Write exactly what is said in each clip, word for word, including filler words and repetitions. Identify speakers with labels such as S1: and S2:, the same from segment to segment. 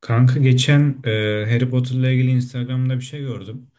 S1: Kanka geçen e, Harry Potter'la ilgili Instagram'da bir şey gördüm.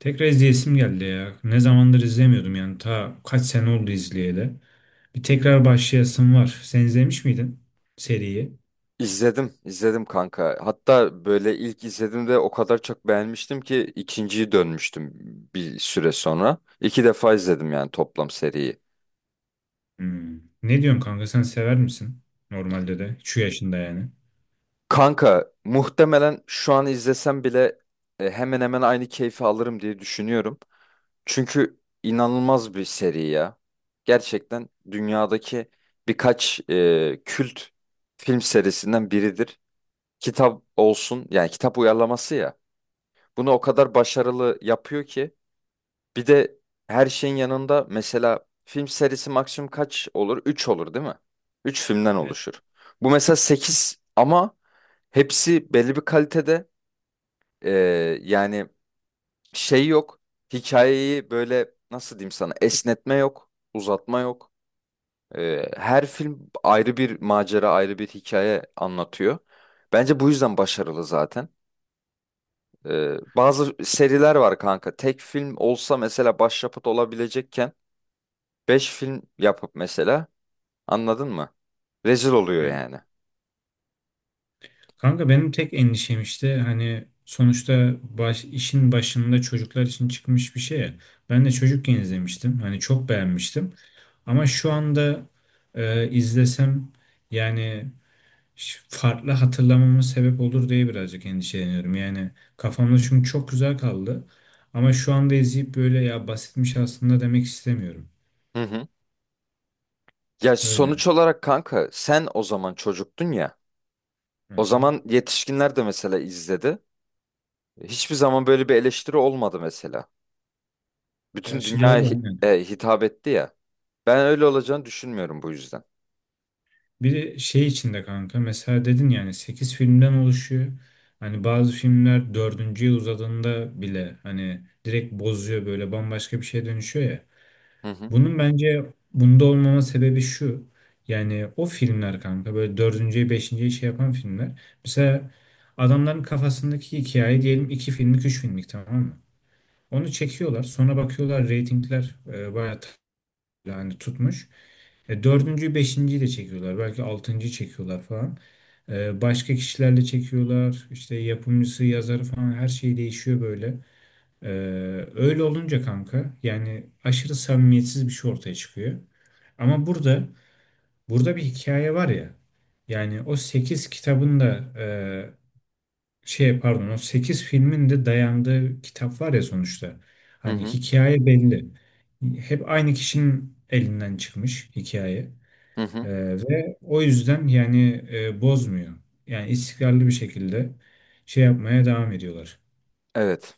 S1: Tekrar izleyesim geldi ya. Ne zamandır izlemiyordum yani. Ta kaç sene oldu izleyeli. Bir tekrar başlayasım var. Sen izlemiş miydin seriyi?
S2: İzledim, izledim kanka. Hatta böyle ilk izlediğimde o kadar çok beğenmiştim ki ikinciyi dönmüştüm bir süre sonra. İki defa izledim yani toplam seriyi.
S1: Hmm. Ne diyorsun kanka sen sever misin? Normalde de. Şu yaşında yani.
S2: Kanka muhtemelen şu an izlesem bile e, hemen hemen aynı keyfi alırım diye düşünüyorum. Çünkü inanılmaz bir seri ya. Gerçekten dünyadaki birkaç e, kült film serisinden biridir. Kitap olsun, yani kitap uyarlaması ya. Bunu o kadar başarılı yapıyor ki. Bir de her şeyin yanında, mesela, film serisi maksimum kaç olur? Üç olur değil mi? üç filmden
S1: Evet.
S2: oluşur. Bu mesela sekiz, ama hepsi belli bir kalitede. Ee, Yani şey yok. Hikayeyi, böyle nasıl diyeyim sana, esnetme yok, uzatma yok. Ee, her film ayrı bir macera, ayrı bir hikaye anlatıyor. Bence bu yüzden başarılı zaten. Ee, bazı seriler var kanka. Tek film olsa mesela başyapıt olabilecekken Beş film yapıp mesela, anladın mı, rezil oluyor yani.
S1: Kanka benim tek endişem işte hani sonuçta baş, işin başında çocuklar için çıkmış bir şey ya. Ben de çocukken izlemiştim. Hani çok beğenmiştim. Ama şu anda e, izlesem yani ş- farklı hatırlamama sebep olur diye birazcık endişeleniyorum. Yani kafamda çünkü çok güzel kaldı. Ama şu anda izleyip böyle ya basitmiş aslında demek istemiyorum.
S2: Hı hı. Ya
S1: Öyle.
S2: sonuç olarak kanka, sen o zaman çocuktun ya.
S1: Hı
S2: O
S1: hı.
S2: zaman yetişkinler de mesela izledi. Hiçbir zaman böyle bir eleştiri olmadı mesela. Bütün
S1: Gerçi
S2: dünyaya
S1: doğru,
S2: hi-
S1: hani.
S2: e, hitap etti ya. Ben öyle olacağını düşünmüyorum bu yüzden.
S1: Bir de şey içinde kanka mesela dedin yani sekiz filmden oluşuyor. Hani bazı filmler dördüncü yıl uzadığında bile hani direkt bozuyor böyle bambaşka bir şeye dönüşüyor ya.
S2: Hı hı.
S1: Bunun bence bunda olmama sebebi şu. Yani o filmler kanka böyle dördüncü beşinciye şey yapan filmler. Mesela adamların kafasındaki hikaye diyelim iki filmlik üç filmlik tamam mı? Onu çekiyorlar sonra bakıyorlar reytingler e, bayağı t- yani tutmuş. E, dördüncüyü, beşinciyi de çekiyorlar. Belki altıncıyı çekiyorlar falan. E, başka kişilerle çekiyorlar. İşte yapımcısı, yazarı falan her şey değişiyor böyle. E, Öyle olunca kanka yani aşırı samimiyetsiz bir şey ortaya çıkıyor. Ama burada burada bir hikaye var ya. Yani o sekiz kitabın da e, şey pardon o sekiz filmin de dayandığı kitap var ya sonuçta.
S2: Hı
S1: Hani
S2: hı.
S1: hikaye belli. Hep aynı kişinin elinden çıkmış hikaye.
S2: Hı
S1: Ee,
S2: hı.
S1: ve o yüzden yani e, bozmuyor. Yani istikrarlı bir şekilde şey yapmaya devam ediyorlar.
S2: Evet.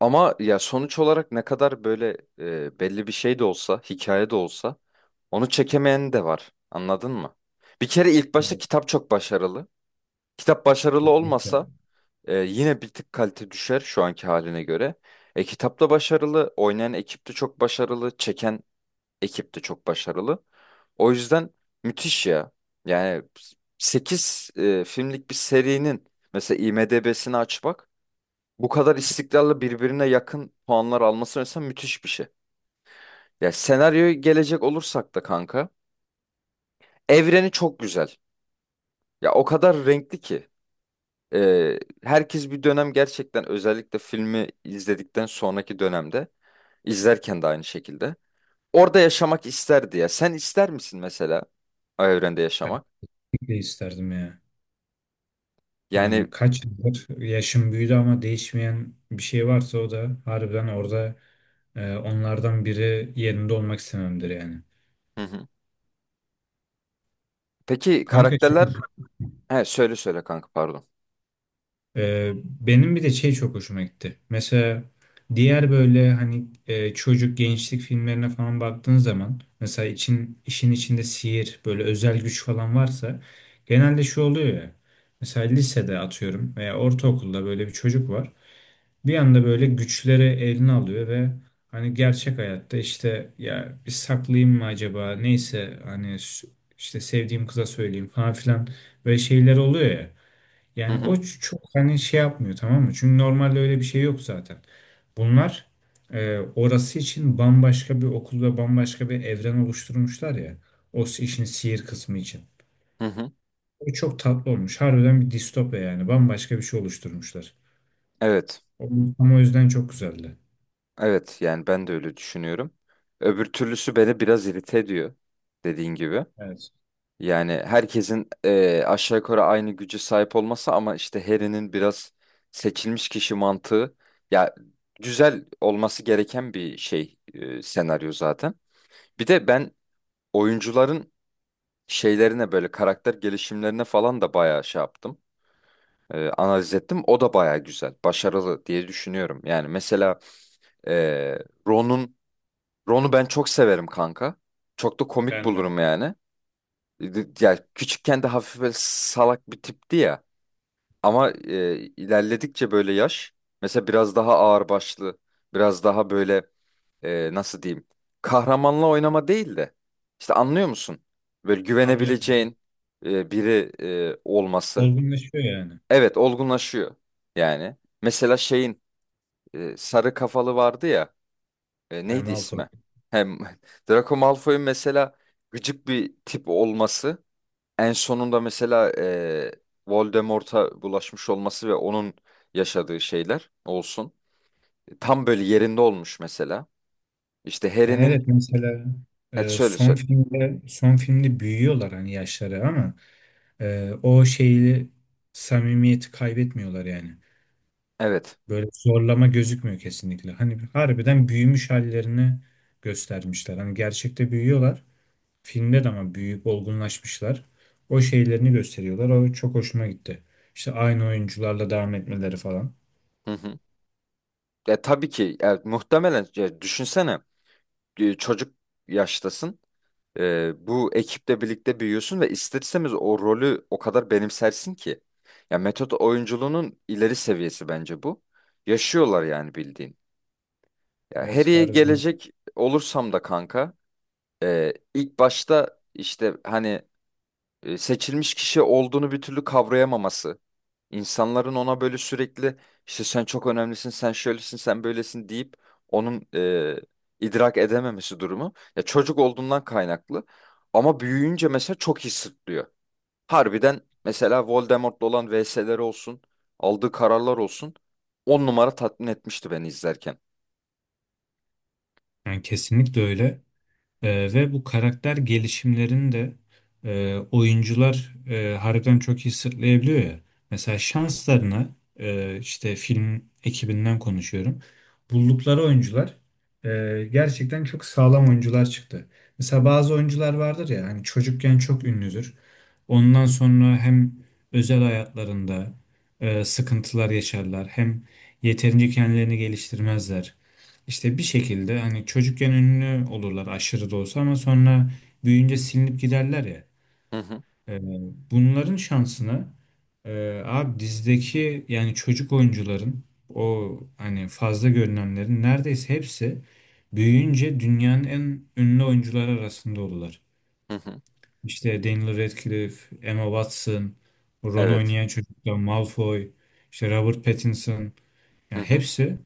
S2: Ama ya sonuç olarak ne kadar böyle e, belli bir şey de olsa, hikaye de olsa, onu çekemeyen de var. Anladın mı? Bir kere ilk başta
S1: Evet.
S2: kitap çok başarılı. Kitap başarılı olmasa
S1: Kesinlikle.
S2: e, yine bir tık kalite düşer şu anki haline göre. E, kitap da başarılı, oynayan ekip de çok başarılı, çeken ekip de çok başarılı. O yüzden müthiş ya. Yani sekiz filmlik bir serinin mesela IMDb'sini aç bak. Bu kadar istikrarlı, birbirine yakın puanlar alması mesela müthiş bir şey. Ya senaryoya gelecek olursak da kanka, evreni çok güzel. Ya o kadar renkli ki Ee, herkes bir dönem, gerçekten özellikle filmi izledikten sonraki dönemde, izlerken de aynı şekilde orada yaşamak isterdi ya. Sen ister misin mesela o evrende
S1: Ben
S2: yaşamak?
S1: de isterdim ya.
S2: Yani
S1: Yani kaç yıldır yaşım büyüdü ama değişmeyen bir şey varsa o da harbiden orada e, onlardan biri yerinde olmak istememdir yani.
S2: hı hı. Peki
S1: Kanka şey
S2: karakterler. He, söyle söyle kanka, pardon.
S1: Ee, benim bir de şey çok hoşuma gitti. Mesela diğer böyle hani e, çocuk gençlik filmlerine falan baktığın zaman mesela için işin içinde sihir böyle özel güç falan varsa genelde şu oluyor ya. Mesela lisede atıyorum veya ortaokulda böyle bir çocuk var. Bir anda böyle güçleri eline alıyor ve hani gerçek hayatta işte ya bir saklayayım mı acaba neyse hani s- işte sevdiğim kıza söyleyeyim falan filan böyle şeyler oluyor ya.
S2: Hı
S1: Yani o
S2: hı.
S1: ç- çok hani şey yapmıyor tamam mı? Çünkü normalde öyle bir şey yok zaten. Bunlar e, orası için bambaşka bir okul ve bambaşka bir evren oluşturmuşlar ya. O s- işin sihir kısmı için.
S2: Hı hı.
S1: O çok tatlı olmuş. Harbiden bir distopya yani. Bambaşka bir şey oluşturmuşlar.
S2: Evet.
S1: O- Ama o yüzden çok güzeldi.
S2: Evet, yani ben de öyle düşünüyorum. Öbür türlüsü beni biraz irite ediyor, dediğin gibi.
S1: Evet.
S2: Yani herkesin eee, aşağı yukarı aynı güce sahip olması, ama işte Harry'nin biraz seçilmiş kişi mantığı ya, güzel olması gereken bir şey eee, senaryo zaten. Bir de ben oyuncuların şeylerine, böyle karakter gelişimlerine falan da bayağı şey yaptım, eee, analiz ettim. O da bayağı güzel, başarılı diye düşünüyorum. Yani mesela eee Ron'un Ron'u ben çok severim kanka. Çok da komik
S1: Ben de.
S2: bulurum yani. Ya küçükken de hafif böyle salak bir tipti ya. Ama e, ilerledikçe böyle yaş, mesela biraz daha ağırbaşlı, biraz daha böyle, e, nasıl diyeyim? Kahramanla oynama değil de işte, anlıyor musun? Böyle
S1: Anlıyorum, anlıyorum.
S2: güvenebileceğin e, biri e, olması.
S1: Olgunlaşıyor yani.
S2: Evet, olgunlaşıyor yani. Mesela şeyin, e, sarı kafalı vardı ya. E,
S1: E,
S2: neydi
S1: Malfoy.
S2: ismi? Hem Draco Malfoy'un mesela gıcık bir tip olması, en sonunda mesela e, Voldemort'a bulaşmış olması ve onun yaşadığı şeyler olsun. e, Tam böyle yerinde olmuş mesela. İşte
S1: Yani
S2: Harry'nin.
S1: evet mesela
S2: Evet,
S1: e,
S2: söyle
S1: son
S2: söyle.
S1: filmde son filmde büyüyorlar hani yaşları ama Ee, o şeyi samimiyeti kaybetmiyorlar yani.
S2: Evet.
S1: Böyle zorlama gözükmüyor kesinlikle. Hani harbiden büyümüş hallerini göstermişler. Hani gerçekte büyüyorlar. Filmde de ama büyüyüp olgunlaşmışlar. O şeylerini gösteriyorlar. O çok hoşuma gitti. İşte aynı oyuncularla devam etmeleri falan.
S2: Hı hı. E, tabii ki, e, muhtemelen, e, düşünsene, e, çocuk yaştasın. E, bu ekiple birlikte büyüyorsun ve ister istemez o rolü o kadar benimsersin ki. Ya metot oyunculuğunun ileri seviyesi bence bu. Yaşıyorlar yani, bildiğin. Ya
S1: Evet
S2: Harry'e
S1: harbiden.
S2: gelecek olursam da kanka, e, ilk başta işte hani e, seçilmiş kişi olduğunu bir türlü kavrayamaması. İnsanların ona böyle sürekli işte sen çok önemlisin, sen şöylesin, sen böylesin deyip onun e, idrak edememesi durumu. Ya çocuk olduğundan kaynaklı. Ama büyüyünce mesela çok iyi sırtlıyor. Harbiden mesela Voldemort'la olan vs'leri olsun, aldığı kararlar olsun. On numara tatmin etmişti beni izlerken.
S1: Yani kesinlikle öyle. Ee, ve bu karakter gelişimlerini de e, oyuncular e, harbiden çok iyi sırtlayabiliyor ya. Mesela şanslarına e, işte film ekibinden konuşuyorum. Buldukları oyuncular e, gerçekten çok sağlam oyuncular çıktı. Mesela bazı oyuncular vardır ya hani çocukken çok ünlüdür. Ondan sonra hem özel hayatlarında e, sıkıntılar yaşarlar hem yeterince kendilerini geliştirmezler. İşte bir şekilde hani çocukken ünlü olurlar aşırı da olsa ama sonra büyüyünce silinip giderler ya.
S2: Hı hı,
S1: Ee, Bunların şansını e, abi dizideki yani çocuk oyuncuların o hani fazla görünenlerin neredeyse hepsi büyüyünce dünyanın en ünlü oyuncuları arasında olurlar.
S2: hı hı.
S1: İşte Daniel Radcliffe, Emma Watson, Ron
S2: Evet.
S1: oynayan çocuklar, Malfoy, işte Robert Pattinson
S2: Hı
S1: yani
S2: hı,
S1: hepsi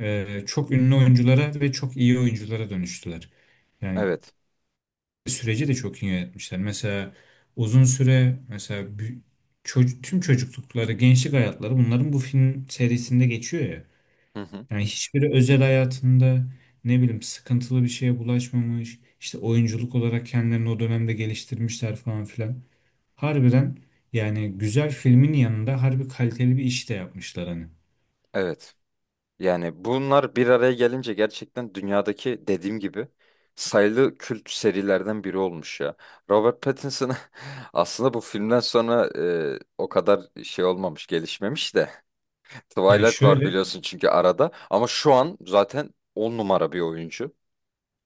S1: e, çok ünlü oyunculara ve çok iyi oyunculara dönüştüler. Yani
S2: evet.
S1: süreci de çok iyi yönetmişler. Mesela uzun süre mesela bü- çocuk, tüm çocuklukları, gençlik hayatları bunların bu film serisinde geçiyor ya.
S2: Hı hı,
S1: Yani hiçbiri özel hayatında ne bileyim sıkıntılı bir şeye bulaşmamış. İşte oyunculuk olarak kendilerini o dönemde geliştirmişler falan filan. Harbiden yani güzel filmin yanında harbi kaliteli bir iş de yapmışlar hani.
S2: evet. Yani bunlar bir araya gelince gerçekten dünyadaki, dediğim gibi, sayılı kült serilerden biri olmuş ya. Robert Pattinson aslında bu filmden sonra e, o kadar şey olmamış, gelişmemiş de.
S1: Yani
S2: Twilight var,
S1: şöyle,
S2: biliyorsun, çünkü arada, ama şu an zaten on numara bir oyuncu.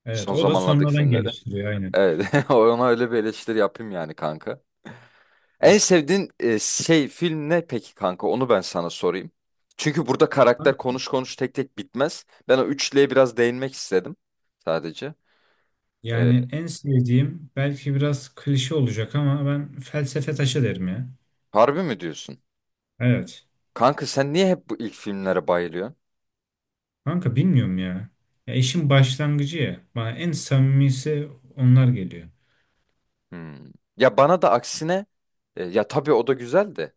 S1: evet
S2: Son
S1: o da
S2: zamanlardaki
S1: sonradan
S2: filmleri.
S1: geliştiriyor aynen.
S2: Evet, ona öyle bir eleştiri yapayım yani kanka. En sevdiğin e, şey film ne peki kanka? Onu ben sana sorayım. Çünkü burada karakter konuş konuş tek tek bitmez. Ben o üçlüye biraz değinmek istedim sadece. E,
S1: Yani en sevdiğim belki biraz klişe olacak ama ben felsefe taşı derim ya.
S2: Harbi mi diyorsun?
S1: Evet.
S2: Kanka, sen niye hep bu ilk filmlere bayılıyorsun?
S1: Kanka bilmiyorum ya. Ya işin başlangıcı ya. Bana en samimisi onlar geliyor.
S2: Hmm. Ya bana da aksine, e, ya tabii o da güzel de.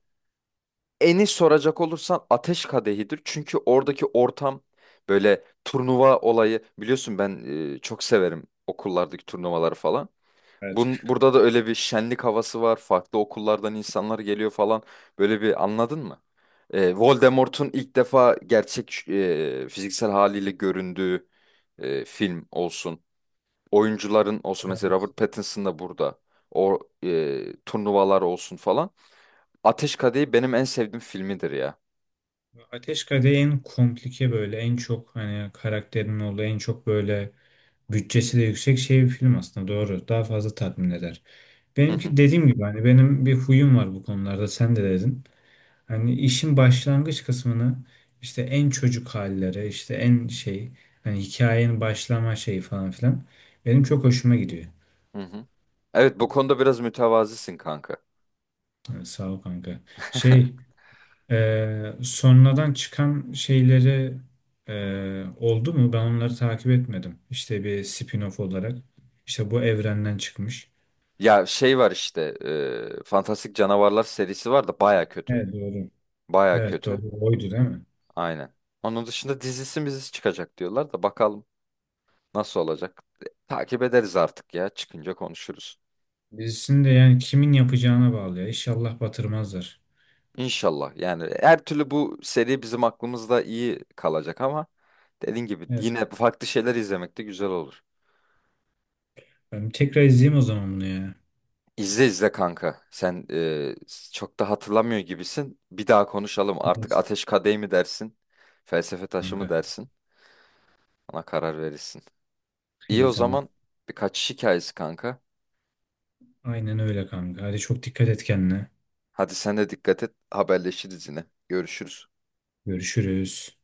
S2: Eni soracak olursan Ateş Kadehi'dir. Çünkü oradaki ortam, böyle turnuva olayı, biliyorsun ben e, çok severim okullardaki turnuvaları falan.
S1: Evet.
S2: Bun, burada da öyle bir şenlik havası var. Farklı okullardan insanlar geliyor falan. Böyle bir, anladın mı? Ee, Voldemort'un ilk defa gerçek e, fiziksel haliyle göründüğü e, film olsun. Oyuncuların olsun. Mesela
S1: Evet.
S2: Robert Pattinson da burada. O e, turnuvalar olsun falan. Ateş Kadehi benim en sevdiğim filmidir ya.
S1: Ateş Kadehi en komplike böyle en çok hani karakterin olduğu en çok böyle bütçesi de yüksek şey bir film aslında doğru. Daha fazla tatmin eder.
S2: Hı hı,
S1: Benimki dediğim gibi hani benim bir huyum var bu konularda sen de dedin. Hani işin başlangıç kısmını işte en çocuk halleri, işte en şey hani hikayenin başlama şeyi falan filan benim çok hoşuma gidiyor.
S2: hı hı. Evet, bu konuda biraz mütevazisin kanka.
S1: Ha, sağ ol kanka. Şey e, Sonradan çıkan şeyleri e, oldu mu? Ben onları takip etmedim. İşte bir spin-off olarak. İşte bu evrenden çıkmış.
S2: Ya şey var işte, e, Fantastik Canavarlar serisi var da baya kötü.
S1: Evet doğru.
S2: Baya
S1: Evet doğru.
S2: kötü.
S1: Oydu değil mi?
S2: Aynen. Onun dışında dizisi mizisi çıkacak diyorlar da, bakalım nasıl olacak. Takip ederiz artık ya. Çıkınca konuşuruz.
S1: Dizisini de yani kimin yapacağına bağlı ya. İnşallah batırmazlar.
S2: İnşallah. Yani her türlü bu seri bizim aklımızda iyi kalacak, ama dediğin gibi
S1: Evet.
S2: yine farklı şeyler izlemek de güzel olur.
S1: Ben tekrar izleyeyim o zaman bunu ya.
S2: İzle izle kanka. Sen e, çok da hatırlamıyor gibisin. Bir daha konuşalım. Artık
S1: Evet.
S2: ateş kadehi mi dersin? Felsefe taşı mı
S1: Kanka.
S2: dersin? Ona karar verirsin. İyi o
S1: İyi tamam.
S2: zaman, birkaç hikayesi kanka.
S1: Aynen öyle kanka. Hadi çok dikkat et kendine.
S2: Hadi sen de dikkat et. Haberleşiriz yine. Görüşürüz.
S1: Görüşürüz.